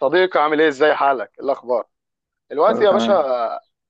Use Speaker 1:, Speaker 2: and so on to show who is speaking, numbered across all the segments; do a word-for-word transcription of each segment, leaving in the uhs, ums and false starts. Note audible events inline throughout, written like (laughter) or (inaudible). Speaker 1: صديقي عامل ايه؟ ازاي حالك؟ إيه الاخبار دلوقتي
Speaker 2: كله
Speaker 1: يا باشا؟
Speaker 2: تمام.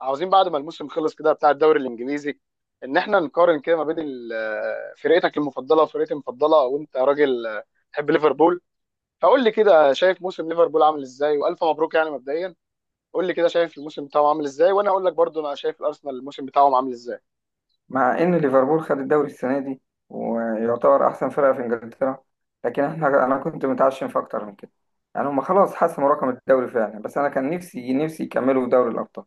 Speaker 1: عاوزين بعد ما الموسم خلص كده بتاع الدوري الانجليزي ان احنا نقارن كده ما بين ال- آه، فرقتك المفضله وفرقتي المفضله، وانت راجل تحب ليفربول، فقول لي كده شايف موسم ليفربول عامل ازاي، والف مبروك يعني مبدئيا. قول لي كده شايف الموسم بتاعه عامل ازاي وانا اقول لك برضو انا شايف الارسنال الموسم بتاعهم عامل ازاي.
Speaker 2: مع ان ليفربول خد الدوري السنه دي، ويعتبر احسن فرقه في انجلترا، لكن احنا انا كنت متعشم في اكتر من كده. يعني هم خلاص حسموا رقم الدوري فعلا، بس انا كان نفسي نفسي يكملوا دوري الابطال.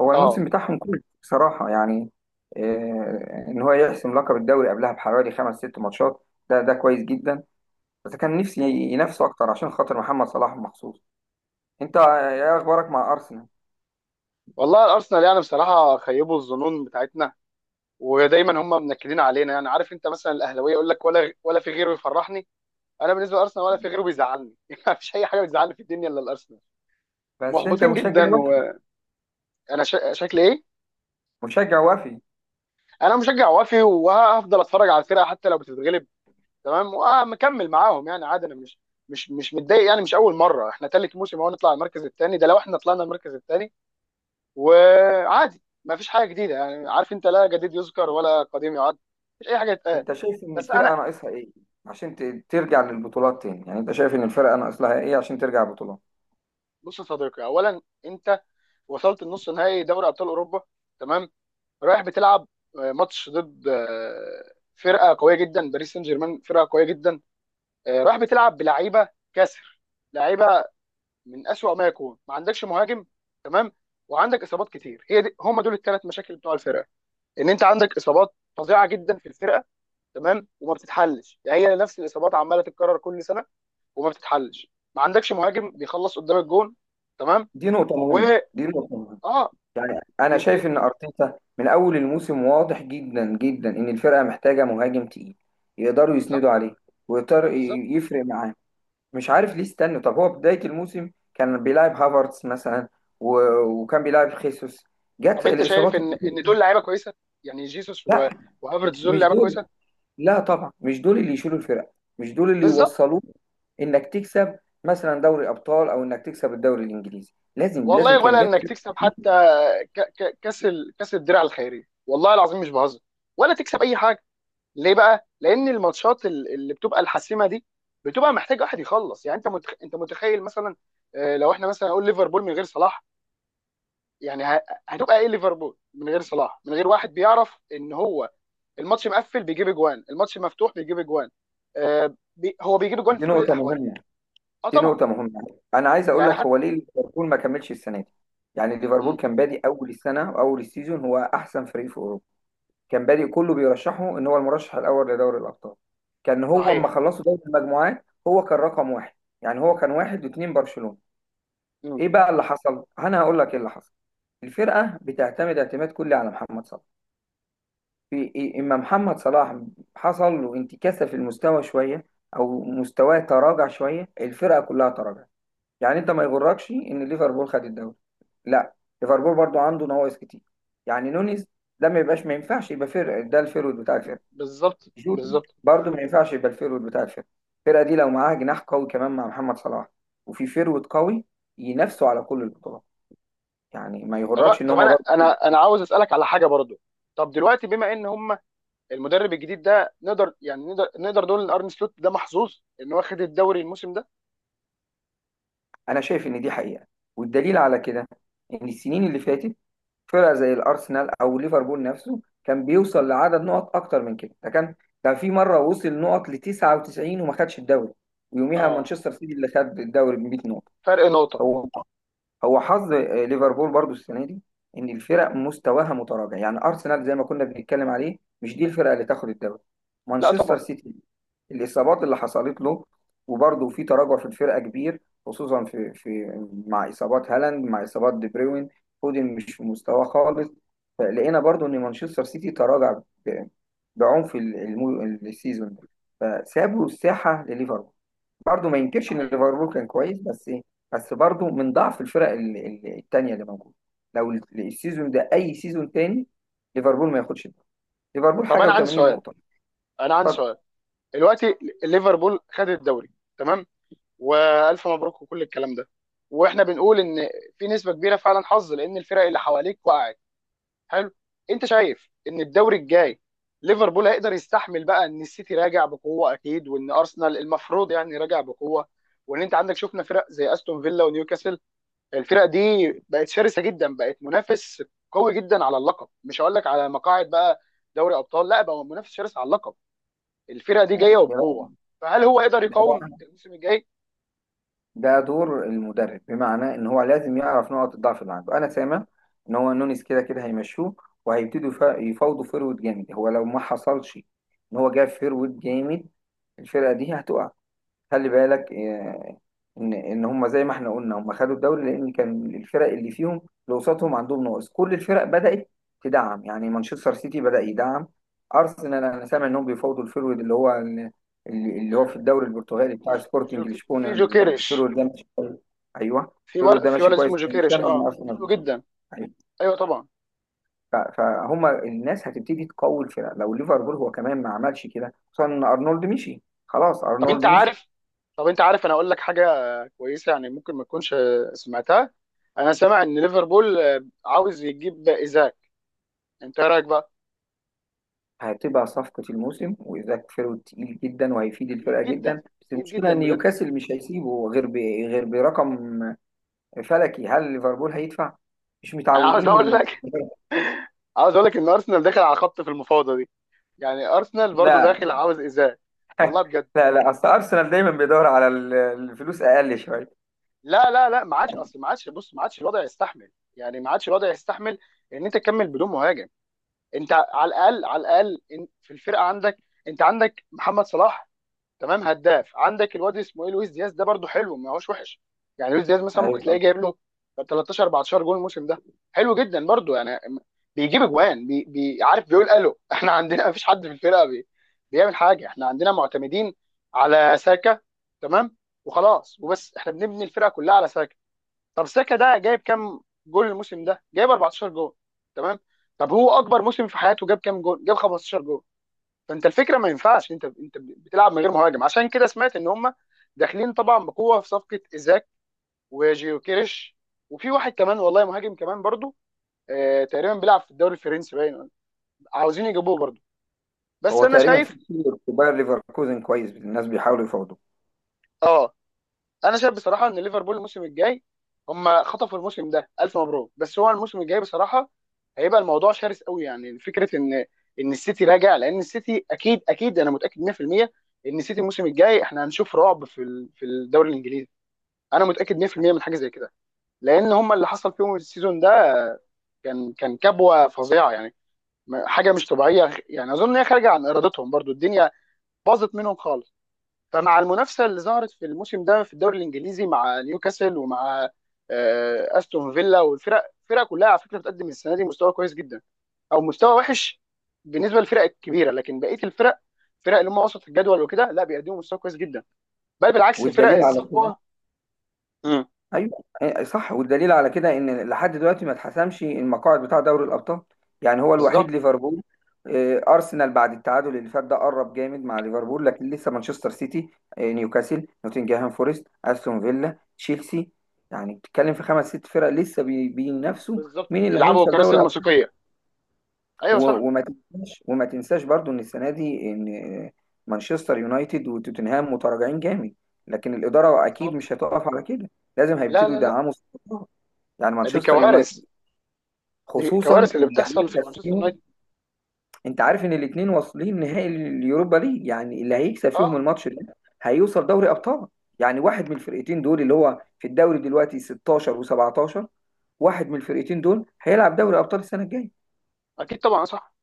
Speaker 2: هو الموسم
Speaker 1: اه،
Speaker 2: بتاعهم كله بصراحه، يعني إيه؟ ان هو يحسم لقب الدوري قبلها بحوالي خمس ست ماتشات، ده ده كويس جدا. بس كان نفسي ينافسوا اكتر عشان خاطر محمد صلاح مخصوص. انت آه، ايه اخبارك مع ارسنال؟
Speaker 1: والله الارسنال يعني بصراحه خيبوا الظنون بتاعتنا، ودايما هم منكدين علينا، يعني عارف انت مثلا الاهلاويه يقول لك ولا ولا في غيره يفرحني، انا بالنسبه لارسنال ولا في غيره بيزعلني. (laughs) مفيش اي حاجه بتزعلني في الدنيا الا الارسنال،
Speaker 2: بس انت
Speaker 1: محبطين
Speaker 2: مشجع
Speaker 1: جدا،
Speaker 2: وفي،
Speaker 1: وانا شا... شكلي ايه؟
Speaker 2: مشجع وفي.
Speaker 1: انا مشجع وافي وهفضل اتفرج على الفرقه حتى لو بتتغلب، تمام، ومكمل معاهم يعني عادي، انا مش مش مش متضايق، يعني مش اول مره، احنا ثالث موسم اهو نطلع المركز الثاني، ده لو احنا طلعنا المركز الثاني وعادي. مفيش حاجه جديده، يعني عارف انت لا جديد يذكر ولا قديم يعد، مش اي حاجه تتقال.
Speaker 2: انت شايف ان
Speaker 1: بس
Speaker 2: الفرقه
Speaker 1: انا
Speaker 2: ناقصها ايه عشان ت- ترجع للبطولات تاني؟ يعني انت شايف ان الفرقه ناقص لها ايه عشان ترجع البطولات؟
Speaker 1: بص يا صديقي، اولا، انت وصلت النص نهائي دوري ابطال اوروبا، تمام، رايح بتلعب آه، ماتش ضد آه، فرقه قويه جدا، باريس سان جيرمان فرقه قويه جدا، آه، رايح بتلعب بلعيبه كسر، لعيبه من اسوأ ما يكون، ما عندكش مهاجم، تمام، وعندك اصابات كتير، هي دي هم دول الثلاث مشاكل بتوع الفرقه، ان انت عندك اصابات فظيعه جدا في الفرقه، تمام، وما بتتحلش، يعني هي نفس الاصابات عماله تتكرر كل سنه وما بتتحلش، ما عندكش مهاجم بيخلص قدام الجون، تمام.
Speaker 2: دي نقطه
Speaker 1: و
Speaker 2: مهمه، دي نقطه مهمه.
Speaker 1: اه
Speaker 2: يعني انا
Speaker 1: يمكن.
Speaker 2: شايف ان ارتيتا من اول الموسم واضح جدا جدا ان الفرقه محتاجه مهاجم تقيل، يقدروا يسندوا
Speaker 1: بالظبط،
Speaker 2: عليه، ويقدر ي-
Speaker 1: بالظبط.
Speaker 2: يفرق معاه. مش عارف ليه استنى. طب هو بدايه الموسم كان بيلعب هافرتس مثلا، و... وكان بيلعب خيسوس،
Speaker 1: طب
Speaker 2: جت
Speaker 1: انت شايف
Speaker 2: الاصابات
Speaker 1: ان
Speaker 2: الكتير.
Speaker 1: ان دول لعيبه كويسه؟ يعني جيسوس و...
Speaker 2: لا،
Speaker 1: وهافرتز، دول
Speaker 2: مش
Speaker 1: لعيبه كويسه؟
Speaker 2: دول. لا طبعا مش دول اللي يشيلوا الفرق، مش دول اللي
Speaker 1: بالظبط.
Speaker 2: يوصلوك انك تكسب مثلا دوري ابطال، او انك تكسب الدوري الانجليزي. لازم لازم
Speaker 1: والله
Speaker 2: كان
Speaker 1: ولا
Speaker 2: جاب
Speaker 1: انك
Speaker 2: فرق.
Speaker 1: تكسب حتى ك... ك... كاس ال... كاس الدرع الخيريه، والله العظيم مش بهزر، ولا تكسب اي حاجه. ليه بقى؟ لان الماتشات ال- اللي بتبقى الحاسمه دي بتبقى محتاج واحد يخلص، يعني انت متخ... انت متخيل مثلا آه، لو احنا مثلا نقول ليفربول من غير صلاح، يعني ه... هتبقى ايه ليفربول من غير صلاح، من غير واحد بيعرف ان هو الماتش مقفل بيجيب اجوان، الماتش مفتوح بيجيب اجوان، آه، بي... هو بيجيب اجوان
Speaker 2: دي
Speaker 1: في كل
Speaker 2: نقطه
Speaker 1: الاحوال.
Speaker 2: مهمه،
Speaker 1: اه
Speaker 2: دي
Speaker 1: طبعا.
Speaker 2: نقطه مهمه. انا عايز اقول
Speaker 1: يعني
Speaker 2: لك
Speaker 1: حتى
Speaker 2: هو ليه ليفربول ما كملش السنه دي. يعني ليفربول
Speaker 1: مم.
Speaker 2: كان بادئ اول السنه واول السيزون هو احسن فريق في اوروبا. كان بادئ كله بيرشحه ان هو المرشح الاول لدوري الابطال. كان هو اما
Speaker 1: صحيح.
Speaker 2: خلصوا دوري المجموعات هو كان رقم واحد. يعني هو كان واحد واثنين برشلونه.
Speaker 1: مم.
Speaker 2: ايه بقى اللي حصل؟ انا هقول لك ايه اللي حصل. الفرقه بتعتمد اعتماد كلي على محمد صلاح. في إيه؟ اما محمد صلاح حصل له انتكاسه في المستوى شويه، او مستواه تراجع شويه، الفرقه كلها تراجع. يعني انت ما يغركش ان ليفربول خد الدوري، لا. ليفربول برضو عنده نواقص كتير. يعني نونيز، ده ما يبقاش، ما ينفعش يبقى فرق، ده الفيرود بتاع الفرقه.
Speaker 1: بالظبط،
Speaker 2: جوتا
Speaker 1: بالظبط.
Speaker 2: برضو ما ينفعش يبقى الفيرود بتاع الفرقه. الفرقه دي لو معاها جناح قوي كمان مع محمد صلاح، وفي فيرود قوي، ينافسوا على كل البطولات. يعني ما
Speaker 1: طب
Speaker 2: يغركش ان
Speaker 1: طب
Speaker 2: هم
Speaker 1: انا
Speaker 2: برضه كده.
Speaker 1: انا انا عاوز اسالك على حاجه برضو، طب دلوقتي بما ان هم المدرب الجديد ده، نقدر يعني نقدر نقدر نقول ان ارن سلوت ده محظوظ ان هو خد الدوري الموسم ده؟
Speaker 2: انا شايف ان دي حقيقه، والدليل على كده ان السنين اللي فاتت فرقه زي الارسنال او ليفربول نفسه كان بيوصل لعدد نقط اكتر من كده. ده كان، ده في مره وصل نقط ل تسعه وتسعين وما خدش الدوري، ويوميها
Speaker 1: اه،
Speaker 2: مانشستر سيتي اللي خد الدوري ب مية نقطه.
Speaker 1: فرق نقطه.
Speaker 2: هو هو حظ آه، ليفربول برضو السنه دي ان الفرق مستواها متراجع. يعني ارسنال زي ما كنا بنتكلم عليه مش دي الفرقه اللي تاخد الدوري.
Speaker 1: لا
Speaker 2: مانشستر
Speaker 1: طبعا.
Speaker 2: سيتي، الاصابات اللي حصلت له، وبرضه في تراجع في الفرقه كبير، خصوصا في في مع اصابات هالاند مع اصابات دي بروين. فودن مش في مستواه خالص. فلقينا برضه ان مانشستر سيتي تراجع ب- بعنف ال- الم- السيزون ده، فسابوا الساحه لليفربول. برضه ما ينكرش ان
Speaker 1: صحيح.
Speaker 2: ليفربول كان كويس، بس ايه؟ بس برضه من ضعف الفرق ال- ال- التانية اللي موجوده. لو ال- السيزون ده اي سيزون تاني، ليفربول ما ياخدش ده. ليفربول
Speaker 1: طب
Speaker 2: حاجه
Speaker 1: انا
Speaker 2: و80
Speaker 1: عندي سؤال،
Speaker 2: نقطه.
Speaker 1: انا عندي
Speaker 2: طب
Speaker 1: سؤال، دلوقتي ليفربول خد الدوري، تمام، والف مبروك وكل الكلام ده، واحنا بنقول ان في نسبه كبيره فعلا حظ لان الفرق اللي حواليك وقعت، حلو، انت شايف ان الدوري الجاي ليفربول هيقدر يستحمل بقى ان السيتي راجع بقوه اكيد، وان ارسنال المفروض يعني راجع بقوه، وان انت عندك شفنا فرق زي استون فيلا ونيوكاسل؟ الفرق دي بقت شرسه جدا، بقت منافس قوي جدا على اللقب، مش هقول لك على مقاعد بقى دوري ابطال، لا، بقى منافس شرس على اللقب، الفرق دي جايه
Speaker 2: يعني ده
Speaker 1: وبقوه، فهل هو يقدر
Speaker 2: بقى، ده
Speaker 1: يقاوم
Speaker 2: بقى
Speaker 1: الموسم الجاي؟
Speaker 2: ده دور المدرب، بمعنى ان هو لازم يعرف نقط الضعف اللي عنده. انا سامع ان هو نونيز كده كده هيمشوه، وهيبتدوا يف- يفاوضوا فيرود جامد. هو لو ما حصلش ان هو جاب فيرود جامد، الفرقه دي هتقع. خلي بالك آه، ان ان هم زي ما احنا قلنا هم خدوا الدوري لان كان الفرق اللي فيهم، اللي قصادهم، عندهم ناقص. كل الفرق بدات تدعم. يعني مانشستر سيتي بدا يدعم، ارسنال انا سامع انهم بيفاوضوا الفيرود اللي هو اللي, اللي هو في
Speaker 1: آه،
Speaker 2: الدوري البرتغالي بتاع
Speaker 1: ج-
Speaker 2: سبورتنج
Speaker 1: جوك-
Speaker 2: لشبونه.
Speaker 1: في جوكيريش،
Speaker 2: الفيرود ده ماشي كويس. ايوه،
Speaker 1: في
Speaker 2: الفيرود
Speaker 1: ولد،
Speaker 2: ده
Speaker 1: في
Speaker 2: ماشي
Speaker 1: ولد
Speaker 2: كويس.
Speaker 1: اسمه
Speaker 2: أنا
Speaker 1: جوكيريش،
Speaker 2: سامع ان
Speaker 1: اه، حلو
Speaker 2: ارسنال،
Speaker 1: جدا.
Speaker 2: أيوة.
Speaker 1: ايوه طبعا.
Speaker 2: ف- فهم الناس هتبتدي تقوي الفرق. لو ليفربول هو كمان ما عملش كده، خصوصا ان ارنولد مشي خلاص،
Speaker 1: طب انت
Speaker 2: ارنولد مشي.
Speaker 1: عارف طب انت عارف، انا اقول لك حاجه كويسه يعني، ممكن ما تكونش سمعتها، انا سامع ان ليفربول عاوز يجيب ايزاك، انت ايه رايك بقى؟
Speaker 2: هتبقى صفقة الموسم، وإيزاك فيرو تقيل جدا، وهيفيد
Speaker 1: تقيل
Speaker 2: الفرقة
Speaker 1: جدا،
Speaker 2: جدا. بس
Speaker 1: تقيل
Speaker 2: المشكلة إن
Speaker 1: جدا بجد.
Speaker 2: نيوكاسل مش هيسيبه غير ب... غير برقم فلكي. هل ليفربول هيدفع؟ مش
Speaker 1: انا عاوز
Speaker 2: متعودين
Speaker 1: اقول
Speaker 2: من،
Speaker 1: لك، عاوز اقول لك ان ارسنال داخل على خط في المفاوضه دي، يعني ارسنال برضو
Speaker 2: لا.
Speaker 1: داخل عاوز ايزاك، والله
Speaker 2: (laughs)
Speaker 1: بجد.
Speaker 2: لا لا أصل أرسنال دايما بيدور على ال- الفلوس أقل شوية.
Speaker 1: لا، لا، لا، ما عادش، اصل ما عادش، بص ما عادش الوضع يستحمل، يعني ما عادش الوضع يستحمل ان انت تكمل بدون مهاجم، انت على الاقل، على الاقل ان- في الفرقه عندك، انت عندك محمد صلاح، تمام، هداف، عندك الواد اسمه ايه، لويس دياز، ده برده حلو ما هوش وحش، يعني لويس دياز مثلا ممكن
Speaker 2: أيوة
Speaker 1: تلاقيه
Speaker 2: طبعا.
Speaker 1: جايب له تلتاشر اربعتاشر جول الموسم ده، حلو جدا برده يعني، بيجيب اجوان. بي بي عارف بيقول الو؟ (laughs) احنا عندنا مفيش حد في الفرقه بي بيعمل حاجه، احنا عندنا معتمدين على ساكا، تمام، وخلاص، وبس، احنا بنبني الفرقه كلها على ساكا. طب ساكا ده جايب كام جول الموسم ده؟ جايب اربعة عشر جول. تمام. طب هو اكبر موسم في حياته جاب كام جول؟ جاب خمستاشر جول. فانت الفكره ما ينفعش انت انت بتلعب من غير مهاجم، عشان كده سمعت ان هم داخلين طبعا بقوه في صفقه ايزاك وجيوكيريش، وفي واحد كمان والله، مهاجم كمان برضو، آه تقريبا بيلعب في الدوري الفرنسي باين، عاوزين يجيبوه برضو، بس
Speaker 2: هو
Speaker 1: انا
Speaker 2: تقريبا في
Speaker 1: شايف
Speaker 2: كتير في باير ليفركوزن كويس، الناس بيحاولوا يفاوضوا.
Speaker 1: اه انا شايف بصراحه ان ليفربول الموسم الجاي، هم خطفوا الموسم ده الف مبروك، بس هو الموسم الجاي بصراحه هيبقى الموضوع شرس قوي، يعني فكره ان ان السيتي راجع، لان السيتي اكيد اكيد، انا متاكد مية في المية ان السيتي الموسم الجاي احنا هنشوف رعب في ال- في الدوري الانجليزي، انا متاكد مية في المية من حاجه زي كده، لان هم اللي حصل فيهم السيزون ده، كان كان كبوه فظيعه، يعني م- حاجه مش طبيعيه، يعني اظن ان هي خارجه عن ارادتهم برضو، الدنيا باظت منهم خالص، فمع المنافسه اللي ظهرت في الموسم ده في الدوري الانجليزي مع نيوكاسل، ومع آه، استون فيلا، والفرق الفرق كلها على فكره بتقدم السنه دي مستوى كويس جدا، او مستوى وحش بالنسبه للفرق الكبيره، لكن بقيه الفرق، الفرق اللي هم وسط الجدول وكده، لا بيقدموا مستوى كويس جدا، بل بالعكس فرق
Speaker 2: والدليل على كده،
Speaker 1: الصفوه. مم.
Speaker 2: ايوه، إيه، صح، والدليل على كده ان لحد دلوقتي ما اتحسمش المقاعد بتاع دوري الابطال. يعني هو الوحيد
Speaker 1: بالظبط،
Speaker 2: ليفربول، آه، ارسنال بعد التعادل اللي فات ده قرب جامد مع ليفربول، لكن لسه مانشستر سيتي، آه، نيوكاسل، نوتنجهام فورست، استون فيلا، تشيلسي. يعني بتتكلم في خمس ست فرق لسه بي- بينافسوا.
Speaker 1: بالظبط،
Speaker 2: مين اللي
Speaker 1: بيلعبوا
Speaker 2: هيوصل
Speaker 1: كراسي
Speaker 2: دوري ابطال؟
Speaker 1: الموسيقيه. ايوه صح.
Speaker 2: و- وما تنساش، وما تنساش برضو ان السنه دي ان آه، مانشستر يونايتد وتوتنهام متراجعين جامد. لكن الاداره اكيد
Speaker 1: بالظبط.
Speaker 2: مش هتقف على كده. لازم
Speaker 1: لا،
Speaker 2: هيبتدوا
Speaker 1: لا، لا،
Speaker 2: يدعموا. يعني
Speaker 1: دي
Speaker 2: مانشستر
Speaker 1: كوارث،
Speaker 2: يونايتد،
Speaker 1: دي
Speaker 2: خصوصا
Speaker 1: كوارث اللي
Speaker 2: اللي
Speaker 1: بتحصل في
Speaker 2: هيكسب
Speaker 1: مانشستر يونايتد.
Speaker 2: فيهم. انت عارف ان الاثنين واصلين نهائي اليوروبا ليج؟ يعني اللي هيكسب فيهم
Speaker 1: اه.
Speaker 2: الماتش ده هيوصل دوري ابطال. يعني واحد من الفرقتين دول اللي هو في الدوري دلوقتي ستاشر وسبعتاشر، واحد من الفرقتين دول هيلعب دوري ابطال السنه الجايه.
Speaker 1: اكيد طبعا، صح.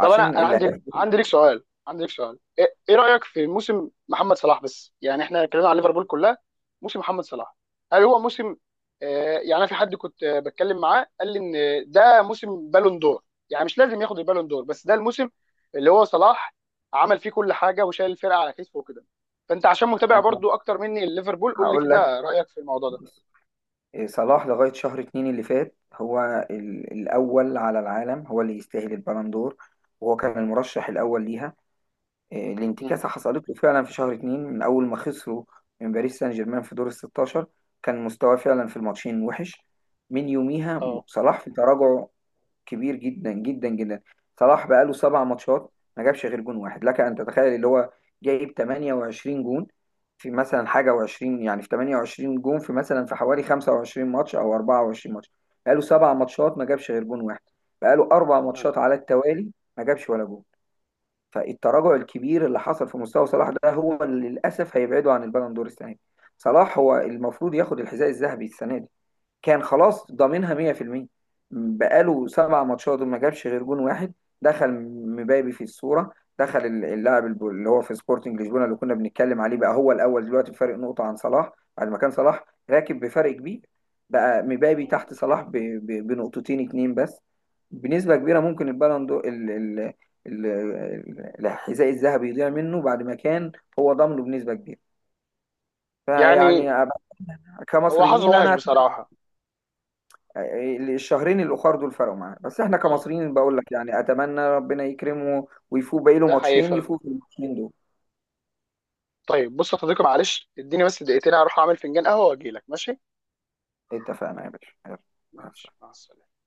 Speaker 1: طب انا انا
Speaker 2: اللي
Speaker 1: عندي
Speaker 2: هياخد،
Speaker 1: عندي ليك سؤال عندي ليك سؤال، ايه إيه رايك في موسم محمد صلاح؟ بس يعني احنا اتكلمنا على ليفربول كلها، موسم محمد صلاح هل هو موسم آه يعني، أنا في حد كنت آه، بتكلم معاه قال لي ان ده موسم بالون دور، يعني مش لازم ياخد البالون دور بس ده الموسم اللي هو صلاح عمل فيه كل حاجه وشايل الفرقه على كتفه وكده، فانت عشان متابع
Speaker 2: انا
Speaker 1: برضو اكتر مني ليفربول قول لي
Speaker 2: هقول لك.
Speaker 1: كده رايك في الموضوع ده.
Speaker 2: صلاح لغايه شهر اتنين اللي فات هو ال- الاول على العالم، هو اللي يستاهل البالندور، وهو كان المرشح الاول ليها. آه،
Speaker 1: امم
Speaker 2: الانتكاسة حصلت له فعلا في شهر اتنين من أول ما خسروا من باريس سان جيرمان في دور الستاشر. كان مستواه فعلا في الماتشين وحش. من يوميها
Speaker 1: اه.
Speaker 2: صلاح في تراجع كبير جدا جدا جدا. صلاح بقاله سبع ماتشات ما جابش غير جون واحد. لك أن تتخيل، اللي هو جايب تمانيه وعشرين جون في مثلا حاجة و20، يعني في تمانيه وعشرين جون في مثلا في حوالي خمسه وعشرين ماتش أو اربعه وعشرين ماتش، بقاله سبع ماتشات ما جابش غير جون واحد، بقاله أربع
Speaker 1: مم.
Speaker 2: ماتشات على التوالي ما جابش ولا جون. فالتراجع الكبير اللي حصل في مستوى صلاح ده هو اللي للاسف هيبعده عن البالون دور السنه دي. صلاح هو المفروض ياخد الحذاء الذهبي السنه دي، كان خلاص ضامنها مية في المية. بقاله سبع ماتشات وما جابش غير جون واحد. دخل مبابي في الصورة، دخل اللاعب الب- اللي هو في سبورتنج لشبونة اللي كنا بنتكلم عليه بقى هو الأول دلوقتي بفرق نقطة عن صلاح، بعد ما كان صلاح راكب بفرق كبير. بقى مبابي تحت
Speaker 1: مم.
Speaker 2: صلاح ب- ب- بنقطتين اتنين بس. بنسبة كبيرة ممكن البالون دو ال ال ال- ال- الحذاء الذهبي يضيع منه، بعد ما كان هو ضامنه بنسبة كبيرة. فيعني
Speaker 1: يعني
Speaker 2: أبقى-
Speaker 1: هو حظه
Speaker 2: كمصريين،
Speaker 1: وحش
Speaker 2: أنا
Speaker 1: بصراحه.
Speaker 2: الشهرين الاخر دول فرقوا معانا. بس احنا
Speaker 1: اه،
Speaker 2: كمصريين بقول لك يعني اتمنى ربنا يكرمه ويفوق، باقي له
Speaker 1: ده
Speaker 2: ماتشين،
Speaker 1: حقيقي.
Speaker 2: يفوق في الماتشين دول.
Speaker 1: طيب بص يا صديقي، معلش اديني بس دقيقتين هروح اعمل فنجان قهوه واجي لك، ماشي؟
Speaker 2: اتفقنا يا باشا، يلا. مع
Speaker 1: ماشي،
Speaker 2: السلامة.
Speaker 1: مع السلامه.